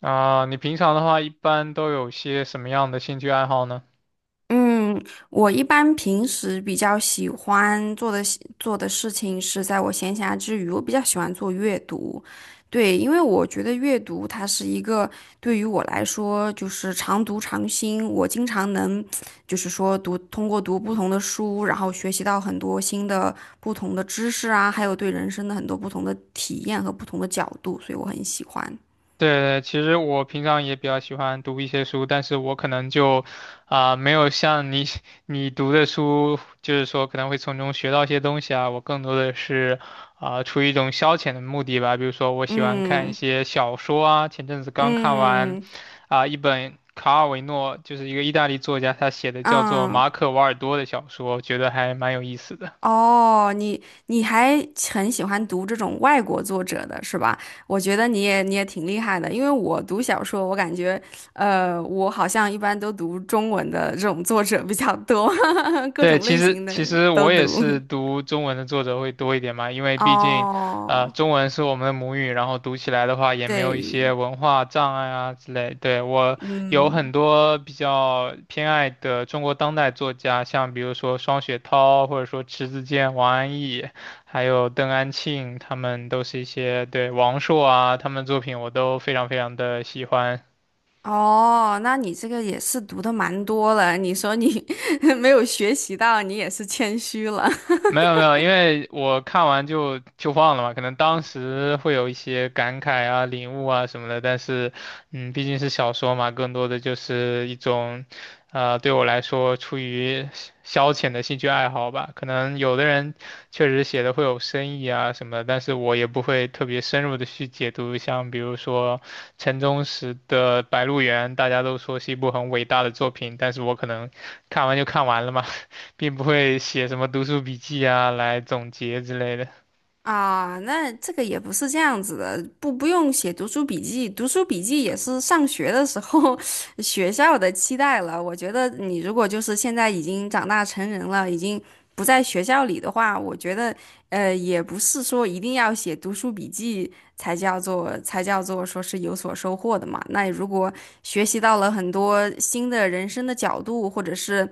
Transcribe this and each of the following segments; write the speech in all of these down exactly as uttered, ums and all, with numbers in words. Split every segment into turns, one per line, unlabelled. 啊，你平常的话一般都有些什么样的兴趣爱好呢？
嗯，我一般平时比较喜欢做的事做的事情是在我闲暇之余，我比较喜欢做阅读。对，因为我觉得阅读它是一个对于我来说就是常读常新，我经常能就是说读通过读不同的书，然后学习到很多新的不同的知识啊，还有对人生的很多不同的体验和不同的角度，所以我很喜欢。
对，对，其实我平常也比较喜欢读一些书，但是我可能就，啊、没有像你 你读的书，就是说可能会从中学到一些东西啊。我更多的是，啊、出于一种消遣的目的吧。比如说，我喜欢看一
嗯
些小说啊，前阵子刚看
嗯
完，
嗯。
啊、一本卡尔维诺，就是一个意大利作家他写的叫做
啊
《马可·瓦尔多》的小说，我觉得还蛮有意思的。
哦，你你还很喜欢读这种外国作者的是吧？我觉得你也你也挺厉害的，因为我读小说，我感觉，呃，我好像一般都读中文的这种作者比较多，各
对，
种
其
类型
实
的
其实
都
我也
读。
是读中文的作者会多一点嘛，因为毕竟，呃，
哦，
中文是我们的母语，然后读起来的话也没有一
对，
些文化障碍啊之类。对，我有
嗯，
很多比较偏爱的中国当代作家，像比如说双雪涛，或者说迟子建、王安忆，还有邓安庆，他们都是一些，对，王朔啊，他们的作品我都非常非常的喜欢。
哦，那你这个也是读的蛮多了，你说你 没有学习到，你也是谦虚了。
没有没有，因为我看完就就忘了嘛，可能当时会有一些感慨啊、领悟啊什么的，但是，嗯，毕竟是小说嘛，更多的就是一种，呃，对我来说出于消消遣的兴趣爱好吧。可能有的人确实写的会有深意啊什么的，但是我也不会特别深入的去解读，像比如说陈忠实的《白鹿原》，大家都说是一部很伟大的作品，但是我可能看完就看完了嘛。并不会写什么读书笔记啊来总结之类的。
啊，那这个也不是这样子的，不不用写读书笔记，读书笔记也是上学的时候 学校的期待了。我觉得你如果就是现在已经长大成人了，已经不在学校里的话，我觉得呃也不是说一定要写读书笔记才叫做才叫做说是有所收获的嘛。那如果学习到了很多新的人生的角度，或者是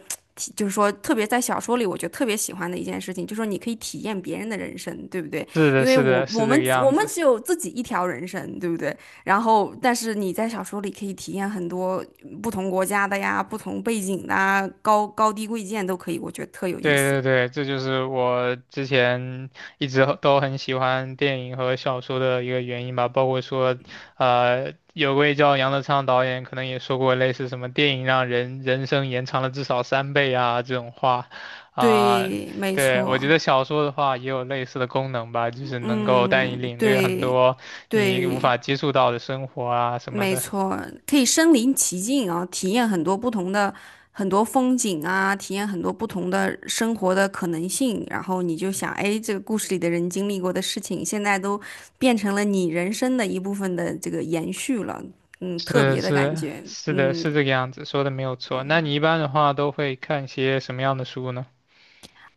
就是说，特别在小说里，我觉得特别喜欢的一件事情，就是说你可以体验别人的人生，对不对？
是
因
的，
为
是
我
的，是
我
这
们
个
我
样
们
子。
只有自己一条人生，对不对？然后，但是你在小说里可以体验很多不同国家的呀、不同背景的啊、高高低贵贱都可以，我觉得特有意思。
对对对，这就是我之前一直都很喜欢电影和小说的一个原因吧。包括说，呃，有位叫杨德昌导演可能也说过类似什么电影让人人生延长了至少三倍啊这种话，啊、
对，没
对，我觉
错，
得小说的话也有类似的功能吧，就是能够带你
嗯，
领略很
对
多你无
对。
法接触到的生活啊什么
没
的。
错，可以身临其境啊，体验很多不同的很多风景啊，体验很多不同的生活的可能性。然后你就想，哎，这个故事里的人经历过的事情，现在都变成了你人生的一部分的这个延续了。嗯，特别
是
的感
是
觉。
是的，
嗯，
是这个样子，说的没有错。那你一般的话都会看些什么样的书呢？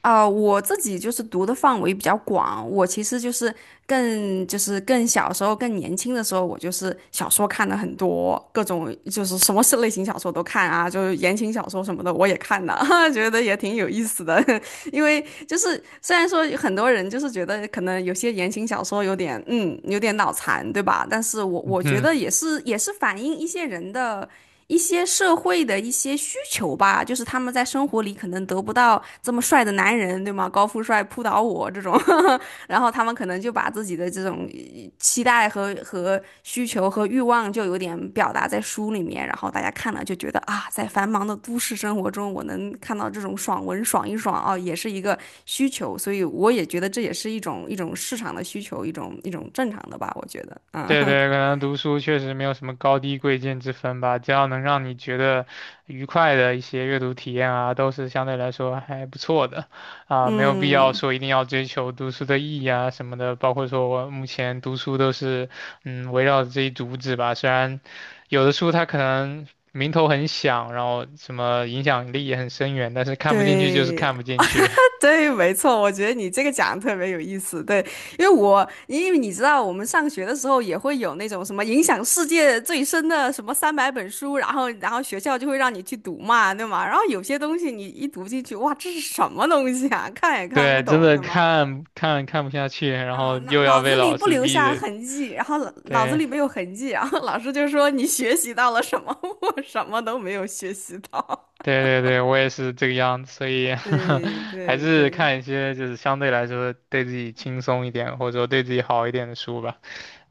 啊、我自己就是读的范围比较广，我其实就是更就是更小时候、更年轻的时候，我就是小说看的很多，各种就是什么是类型小说都看啊，就是言情小说什么的我也看了，觉得也挺有意思的。因为就是虽然说很多人就是觉得可能有些言情小说有点嗯有点脑残，对吧？但是我我觉
嗯
得也是也是反映一些人的一些社会的一些需求吧，就是他们在生活里可能得不到这么帅的男人，对吗？高富帅扑倒我这种，然后他们可能就把自己的这种呃期待和和需求和欲望就有点表达在书里面，然后大家看了就觉得啊，在繁忙的都市生活中，我能看到这种爽文爽一爽啊，也是一个需求，所以我也觉得这也是一种一种市场的需求，一种一种正常的吧，我觉得，嗯
对
嗯。
对，可能读书确实没有什么高低贵贱之分吧，只要能让你觉得愉快的一些阅读体验啊，都是相对来说还不错的，啊，没 有必要说一定要追求读书的意义啊什么的。包括说我目前读书都是，嗯，围绕着这一主旨吧。虽然有的书它可能名头很响，然后什么影响力也很深远，但是看不进去就是
对，
看不进去。
对，没错，我觉得你这个讲的特别有意思。对，因为我因为你知道，我们上学的时候也会有那种什么影响世界最深的什么三百本书，然后然后学校就会让你去读嘛，对吗？然后有些东西你一读进去，哇，这是什么东西啊？看也看不
对，真
懂，
的
对吗？
看看看不下去，然
啊，
后
脑
又要
脑
被
子里
老
不
师
留
逼
下
着，
痕迹，然后脑脑子
对。
里没有痕迹，然后老师就说你学习到了什么？我什么都没有学习到。
对对对，我也是这个样子，所以
对
还
对
是
对，
看一些就是相对来说对自己轻松一点，或者说对自己好一点的书吧。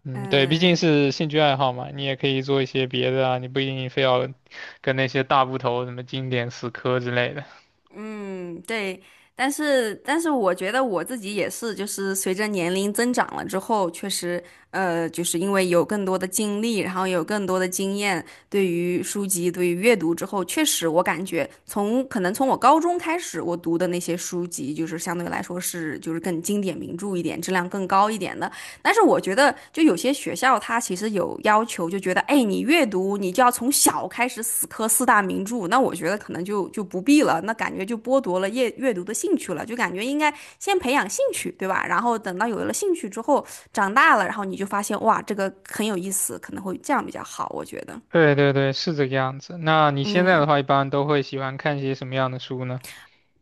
嗯，对，毕竟
嗯。
是兴趣爱好嘛，你也可以做一些别的啊，你不一定非要跟那些大部头什么经典死磕之类的。
嗯，对，但是但是我觉得我自己也是，就是随着年龄增长了之后，确实，呃，就是因为有更多的经历，然后有更多的经验，对于书籍，对于阅读之后，确实我感觉从可能从我高中开始，我读的那些书籍，就是相对来说是就是更经典名著一点，质量更高一点的。但是我觉得，就有些学校它其实有要求，就觉得，哎，你阅读你就要从小开始死磕四大名著。那我觉得可能就就不必了，那感觉就剥夺了阅阅读的兴趣了，就感觉应该先培养兴趣，对吧？然后等到有了兴趣之后，长大了，然后你就发现，哇，这个很有意思，可能会这样比较好，我觉得，
对对对，是这个样子。那你现在
嗯。
的话，一般都会喜欢看一些什么样的书呢？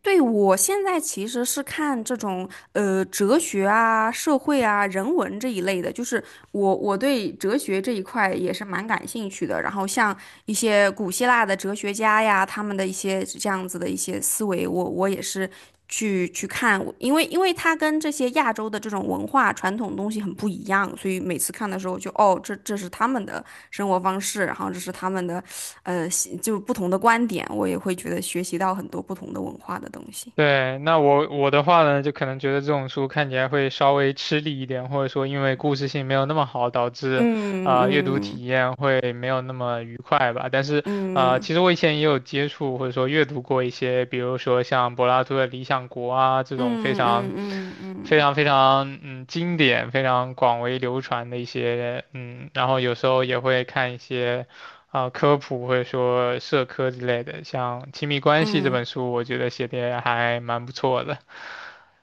对，我现在其实是看这种呃哲学啊、社会啊、人文这一类的，就是我我对哲学这一块也是蛮感兴趣的。然后像一些古希腊的哲学家呀，他们的一些这样子的一些思维，我我也是去去看，因为因为它跟这些亚洲的这种文化传统东西很不一样，所以每次看的时候就哦，这这是他们的生活方式，然后这是他们的，呃，就不同的观点，我也会觉得学习到很多不同的文化的东西。
对，那我我的话呢，就可能觉得这种书看起来会稍微吃力一点，或者说因为故事性没有那么好，导致
嗯
啊、呃阅读
嗯
体验会没有那么愉快吧。但是啊、呃
嗯
其实我以前也有接触或者说阅读过一些，比如说像柏拉图的《理想国》啊这种非
嗯
常
嗯嗯嗯
非
嗯，
常非常嗯经典、非常广为流传的一些嗯，然后有时候也会看一些。啊科普或者说社科之类的，像《亲密关系》这
嗯
本书，我觉得写的还蛮不错的。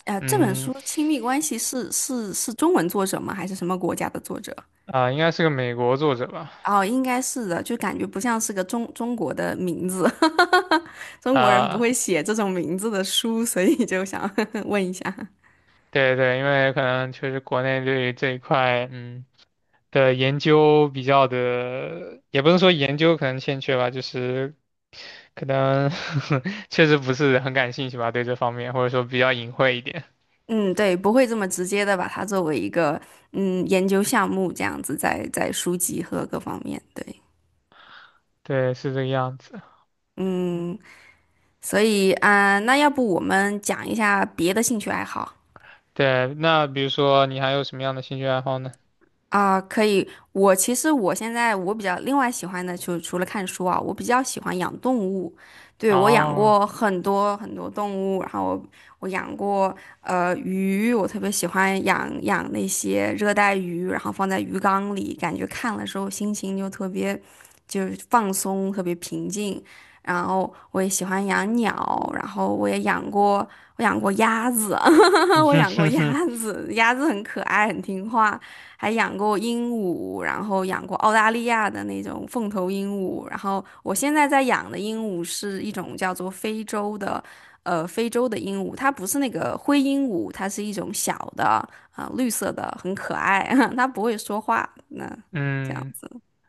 呃，这本
嗯，
书《亲密关系》是是是中文作者吗？还是什么国家的作者？
啊，应该是个美国作者吧？
哦，应该是的，就感觉不像是个中中国的名字，中国人不
啊，
会写这种名字的书，所以就想 问一下。
对对，因为可能确实国内对于这一块，嗯。的研究比较的，也不是说研究可能欠缺吧，就是可能 确实不是很感兴趣吧，对这方面，或者说比较隐晦一点。
嗯，对，不会这么直接的把它作为一个嗯研究项目这样子在在书籍和各方面，对。
对，是这个样子。
所以啊，呃那要不我们讲一下别的兴趣爱好？
对，那比如说你还有什么样的兴趣爱好呢？
啊，可以。我其实我现在我比较另外喜欢的，就除了看书啊，我比较喜欢养动物。对，我养
哦，
过很多很多动物，然后我我养过呃鱼，我特别喜欢养养那些热带鱼，然后放在鱼缸里，感觉看了之后心情就特别就是放松，特别平静。然后我也喜欢养鸟，然后我也养过我养过鸭子，我养过鸭 子，鸭子很可爱，很听话。还养过鹦鹉，然后养过澳大利亚的那种凤头鹦鹉，然后我现在在养的鹦鹉是一种叫做非洲的，呃，非洲的鹦鹉，它不是那个灰鹦鹉，它是一种小的啊、绿色的，很可爱，它不会说话，那这样
嗯，
子，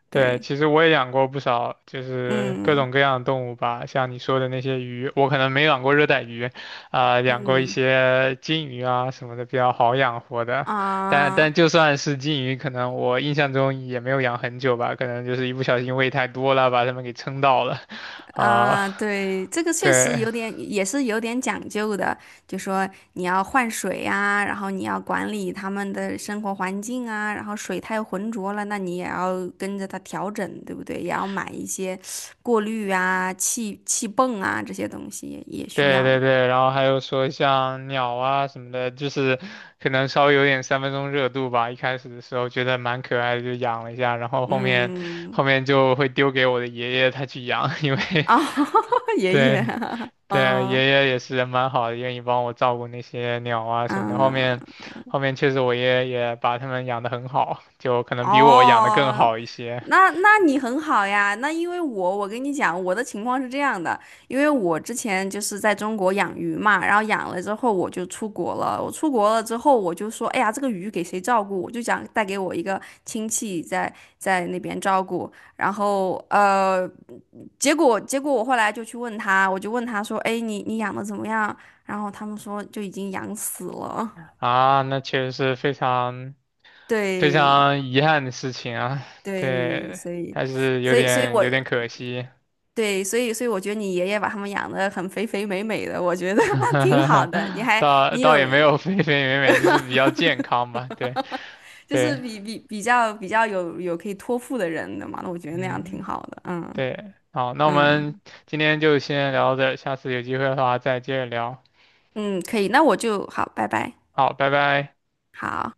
对，
对，
其实我也养过不少，就是各
嗯
种各样的动物吧，像你说的那些鱼，我可能没养过热带鱼，啊、养过一
嗯。
些金鱼啊什么的，比较好养活的。但
啊
但就算是金鱼，可能我印象中也没有养很久吧，可能就是一不小心喂太多了，把它们给撑到了，啊、
啊，对，这个确实
对，
有点，也是有点讲究的。就说你要换水啊，然后你要管理他们的生活环境啊，然后水太浑浊了，那你也要跟着它调整，对不对？也要买一些过滤啊、气气泵啊这些东西也也需
对
要
对
的。
对，然后还有说像鸟啊什么的，就是可能稍微有点三分钟热度吧。一开始的时候觉得蛮可爱的，就养了一下，然后后面
嗯，
后面就会丢给我的爷爷他去养，因为
哦，爷爷，
对 对，爷
哦，
爷也是人蛮好的，愿意帮我照顾那些鸟啊什么的。后
嗯。
面后面确实我爷爷也把它们养得很好，就可能比我养的更
哦，
好一些
那那你很好呀。那因为我我跟你讲，我的情况是这样的，因为我之前就是在中国养鱼嘛，然后养了之后我就出国了。我出国了之后，我就说，哎呀，这个鱼给谁照顾？我就想带给我一个亲戚在在那边照顾。然后呃，结果结果我后来就去问他，我就问他说，哎，你你养的怎么样？然后他们说就已经养死了。
啊。那确实是非常。非
对
常遗憾的事情啊，
对，
对，
所以，
还是有
所以，所以
点
我，
有点可惜，
对，所以所以我觉得你爷爷把他们养得很肥肥美美的，我觉得 挺好的。你 还
倒
你
倒也
有
没有非非美美，就是比较健康吧，对
就是
对，
比比比较比较有有可以托付的人的嘛，那我觉得那样挺
嗯
好的。嗯
对，好，那我们
嗯
今天就先聊到这儿，下次有机会的话再接着聊，
嗯，可以，那我就好，拜拜，
好，拜拜。
好。